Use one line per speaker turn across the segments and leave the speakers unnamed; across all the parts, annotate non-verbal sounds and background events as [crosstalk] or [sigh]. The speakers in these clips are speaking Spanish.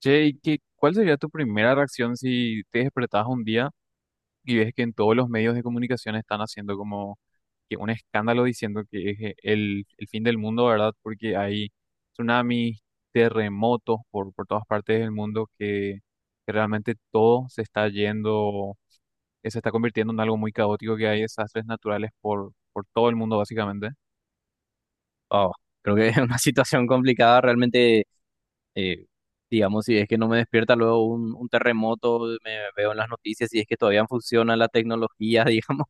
Che, ¿y qué, cuál sería tu primera reacción si te despertás un día y ves que en todos los medios de comunicación están haciendo como que un escándalo diciendo que es el fin del mundo, ¿verdad? Porque hay tsunamis, terremotos por todas partes del mundo que realmente todo se está yendo, que se está convirtiendo en algo muy caótico, que hay desastres naturales por todo el mundo básicamente.
Oh, creo que [laughs] es una situación complicada realmente, eh, digamos, si es que no me despierta luego un terremoto, me veo en las noticias, si es que todavía funciona la tecnología, [laughs] digamos,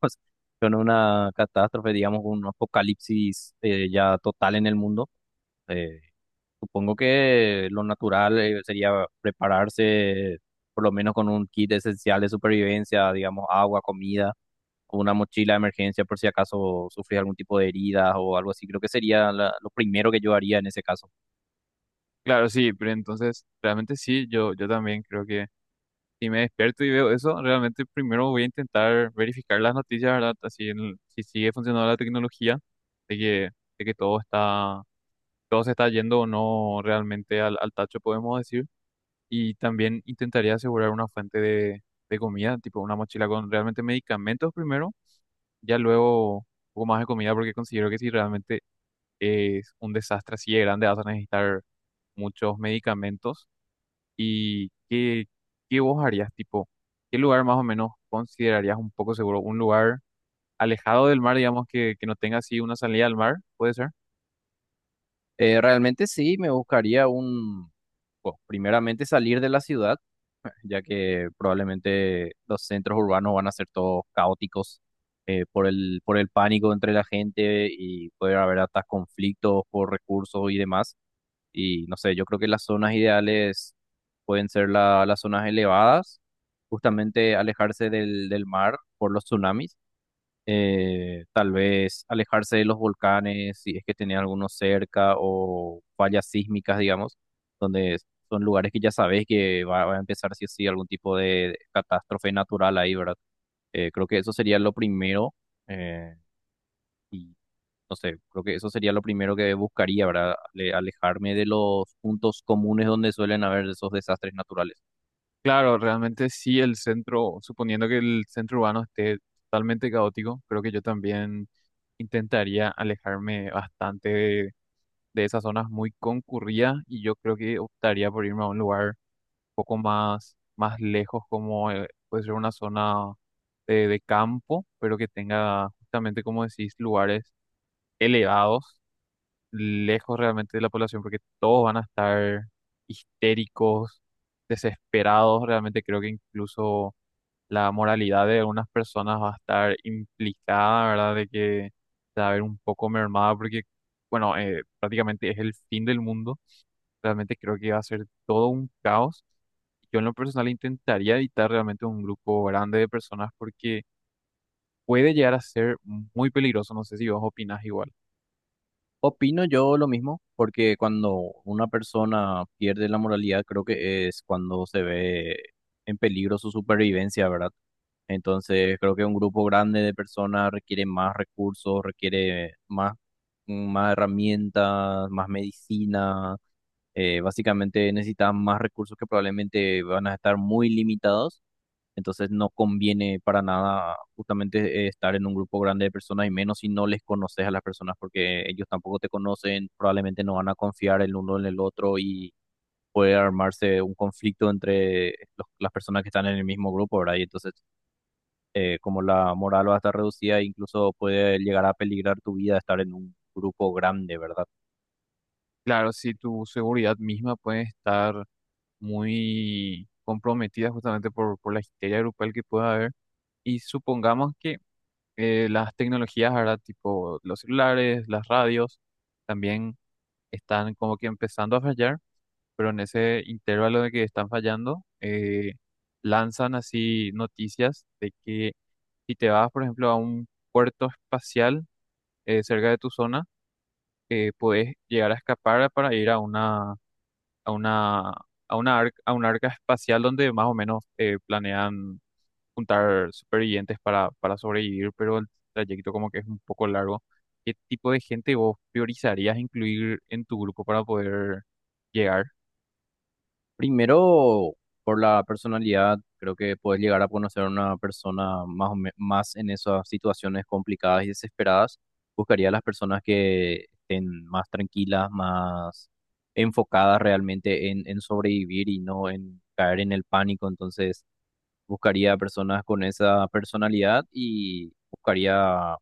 con una catástrofe, digamos, un apocalipsis ya total en el mundo. eh, Supongo que lo natural sería prepararse por lo menos con un kit esencial de supervivencia, digamos, agua, comida o una mochila de emergencia por si acaso sufres algún tipo de heridas o algo así. Creo que sería lo primero que yo haría en ese caso.
Claro, sí, pero entonces realmente sí, yo también creo que si me despierto y veo eso, realmente primero voy a intentar verificar las noticias, ¿verdad? Así si sigue funcionando la tecnología, de que, de que todo está, todo se está yendo o no realmente al tacho, podemos decir. Y también intentaría asegurar una fuente de comida, tipo una mochila con realmente medicamentos primero, ya luego un poco más de comida, porque considero que si realmente es un desastre así de grande, vas a necesitar muchos medicamentos. ¿Y qué, ¿qué vos harías? Tipo, ¿qué lugar más o menos considerarías un poco seguro? ¿Un lugar alejado del mar, digamos, que no tenga así una salida al mar? ¿Puede ser?
Realmente sí, me buscaría un, bueno, primeramente salir de la ciudad, [laughs] ya que probablemente los centros urbanos van a ser todos caóticos por por el pánico entre la gente y puede haber hasta conflictos por recursos y demás. Y no sé, yo creo que las zonas ideales pueden ser las zonas elevadas, justamente alejarse del mar por los tsunamis, tal vez alejarse de los volcanes si es que tenía algunos cerca o fallas sísmicas, digamos, donde son lugares que ya sabes que va a empezar sí o sí algún tipo de catástrofe natural ahí, ¿verdad? Creo que eso sería lo primero. eh, no sé, creo que eso sería lo primero que buscaría, ¿verdad? Alejarme de los puntos comunes donde suelen haber esos desastres naturales.
Claro, realmente sí el centro, suponiendo que el centro urbano esté totalmente caótico, creo que yo también intentaría alejarme bastante de esas zonas muy concurridas y yo creo que optaría por irme a un lugar poco más, más lejos, como puede ser una zona de campo, pero que tenga justamente, como decís, lugares elevados, lejos realmente de la población, porque todos van a estar histéricos, desesperados. Realmente creo que incluso la moralidad de algunas personas va a estar implicada, ¿verdad? De que se va a ver un poco mermada, porque, bueno, prácticamente es el fin del mundo. Realmente creo que va a ser todo un caos. Yo en lo personal intentaría evitar realmente un grupo grande de personas porque puede llegar a ser muy peligroso. No sé si vos opinás igual.
Opino yo lo mismo, porque cuando una persona pierde la moralidad, creo que es cuando se ve en peligro su supervivencia, ¿verdad? Entonces, creo que un grupo grande de personas requiere más recursos, requiere más herramientas, más medicina. Básicamente necesitan más recursos que probablemente van a estar muy limitados. Entonces no conviene para nada justamente estar en un grupo grande de personas y menos si no les conoces a las personas porque ellos tampoco te conocen, probablemente no van a confiar el uno en el otro y puede armarse un conflicto entre las personas que están en el mismo grupo, ¿verdad? Y entonces como la moral va a estar reducida, incluso puede llegar a peligrar tu vida estar en un grupo grande, ¿verdad?
Claro, si tu seguridad misma puede estar muy comprometida justamente por la histeria grupal que pueda haber. Y supongamos que las tecnologías ahora, tipo los celulares, las radios, también están como que empezando a fallar, pero en ese intervalo de que están fallando, lanzan así noticias de que si te vas, por ejemplo, a un puerto espacial cerca de tu zona, podés llegar a escapar para ir a una, a una, a una arca espacial donde más o menos planean juntar supervivientes para sobrevivir, pero el trayecto como que es un poco largo. ¿Qué tipo de gente vos priorizarías incluir en tu grupo para poder llegar?
Primero, por la personalidad, creo que puedes llegar a conocer a una persona más, o más en esas situaciones complicadas y desesperadas. Buscaría a las personas que estén más tranquilas, más enfocadas realmente en sobrevivir y no en caer en el pánico. Entonces, buscaría a personas con esa personalidad y buscaría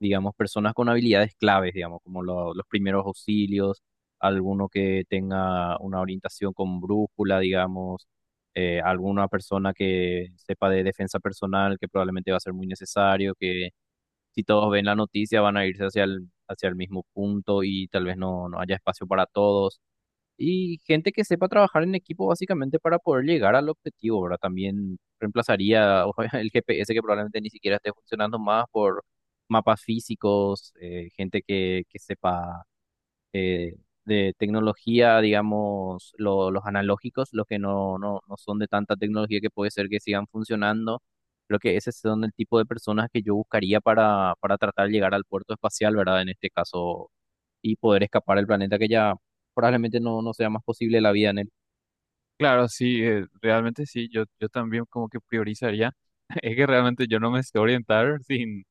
digamos, personas con habilidades claves, digamos, como los primeros auxilios, alguno que tenga una orientación con brújula, digamos, alguna persona que sepa de defensa personal, que probablemente va a ser muy necesario, que si todos ven la noticia van a irse hacia hacia el mismo punto y tal vez no, no haya espacio para todos. Y gente que sepa trabajar en equipo básicamente para poder llegar al objetivo, ¿verdad? También reemplazaría [laughs] ojo, el GPS que probablemente ni siquiera esté funcionando más por mapas físicos, gente que sepa eh, de tecnología, digamos, los analógicos, los que no son de tanta tecnología que puede ser que sigan funcionando. Creo que ese son el tipo de personas que yo buscaría para tratar de llegar al puerto espacial, ¿verdad? En este caso y poder escapar del planeta que ya probablemente no sea más posible la vida en él.
Claro, sí, realmente sí, yo también como que priorizaría. [laughs] Es que realmente yo no me sé orientar sin,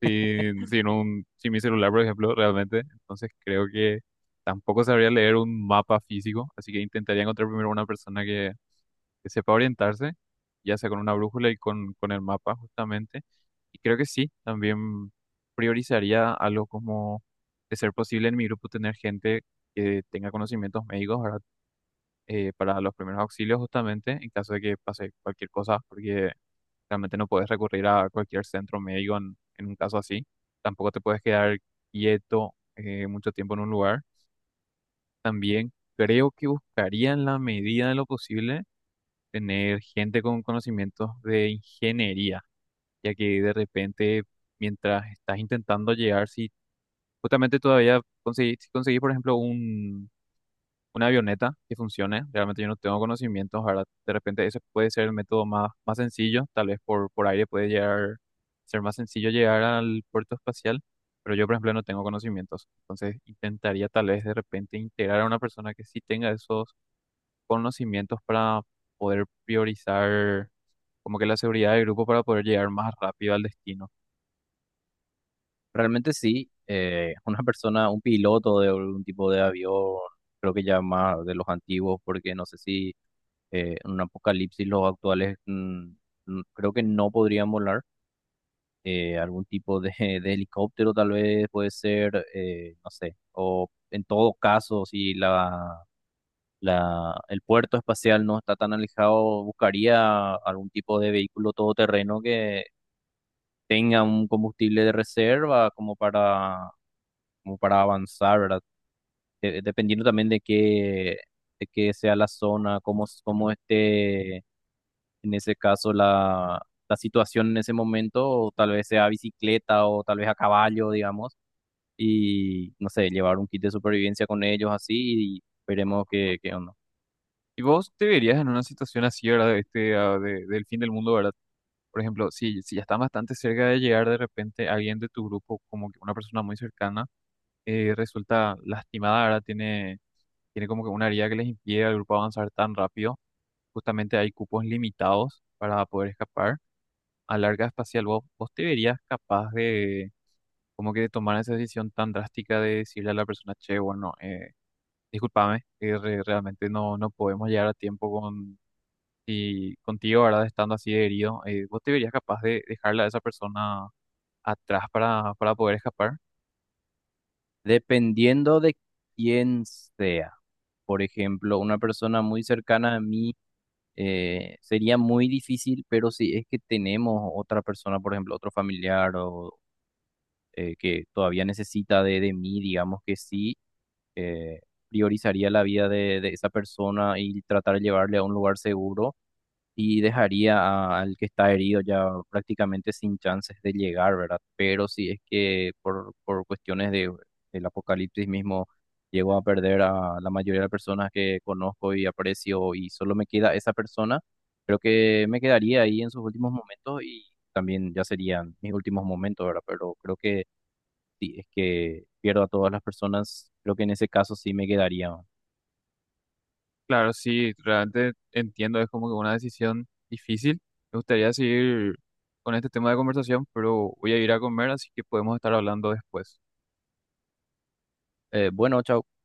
sin, sin un, sin mi celular, por ejemplo, realmente. Entonces creo que tampoco sabría leer un mapa físico, así que intentaría encontrar primero una persona que sepa orientarse, ya sea con una brújula y con el mapa justamente. Y creo que sí, también priorizaría algo como de ser posible en mi grupo tener gente que tenga conocimientos médicos, ¿verdad? Para los primeros auxilios justamente en caso de que pase cualquier cosa, porque realmente no puedes recurrir a cualquier centro médico en un caso así. Tampoco te puedes quedar quieto mucho tiempo en un lugar. También creo que buscaría en la medida de lo posible tener gente con conocimientos de ingeniería, ya que de repente mientras estás intentando llegar, si justamente todavía conseguís, si conseguís, por ejemplo, un una avioneta que funcione. Realmente yo no tengo conocimientos, ¿verdad? De repente ese puede ser el método más, más sencillo, tal vez por aire puede llegar, ser más sencillo llegar al puerto espacial, pero yo, por ejemplo, no tengo conocimientos. Entonces intentaría tal vez de repente integrar a una persona que sí tenga esos conocimientos para poder priorizar como que la seguridad del grupo para poder llegar más rápido al destino.
Realmente sí, [laughs] una persona, un piloto de algún tipo de avión, creo que ya más de los antiguos, porque no sé si en un apocalipsis los actuales creo que no podrían volar. Algún tipo de, [laughs] de helicóptero tal vez puede ser, no sé, o en todo caso, si el puerto espacial no está tan alejado, buscaría algún tipo de vehículo todoterreno que tenga un combustible de reserva como para, como para avanzar, ¿verdad? Dependiendo también de de qué sea la zona, cómo, cómo esté en ese caso la situación en ese momento, o tal vez sea bicicleta o tal vez a caballo, digamos, y no sé, llevar un kit de supervivencia con ellos así y veremos qué, qué onda.
¿Y vos te verías en una situación así, ¿verdad? De Este, ah, de- del fin del mundo, ¿verdad? Por ejemplo, si ya están bastante cerca de llegar, de repente alguien de tu grupo, como que una persona muy cercana, resulta lastimada, ahora tiene, tiene como que una herida que les impide al grupo avanzar tan rápido. Justamente hay cupos limitados para poder escapar. A larga espacial, vos te verías capaz de como que de tomar esa decisión tan drástica de decirle a la persona, che, bueno, discúlpame, realmente no, no podemos llegar a tiempo y contigo, ¿verdad? Estando así de herido, ¿vos te verías capaz de dejarla a esa persona atrás para poder escapar?
Dependiendo de quién sea. Por ejemplo, una persona muy cercana a mí sería muy difícil, pero si es que tenemos otra persona, por ejemplo, otro familiar o que todavía necesita de mí, digamos que sí, eh, priorizaría la vida de esa persona y tratar de llevarle a un lugar seguro y dejaría al que está herido ya prácticamente sin chances de llegar, ¿verdad? Pero si es que por cuestiones del apocalipsis mismo llego a perder a la mayoría de las personas que conozco y aprecio y solo me queda esa persona, creo que me quedaría ahí en sus últimos momentos y también ya serían mis últimos momentos, ¿verdad? Pero creo que si es que pierdo a todas las personas, creo que en ese caso sí me quedaría.
Claro, sí, realmente entiendo, es como que una decisión difícil. Me gustaría seguir con este tema de conversación, pero voy a ir a comer, así que podemos estar hablando después.
Bueno, chao.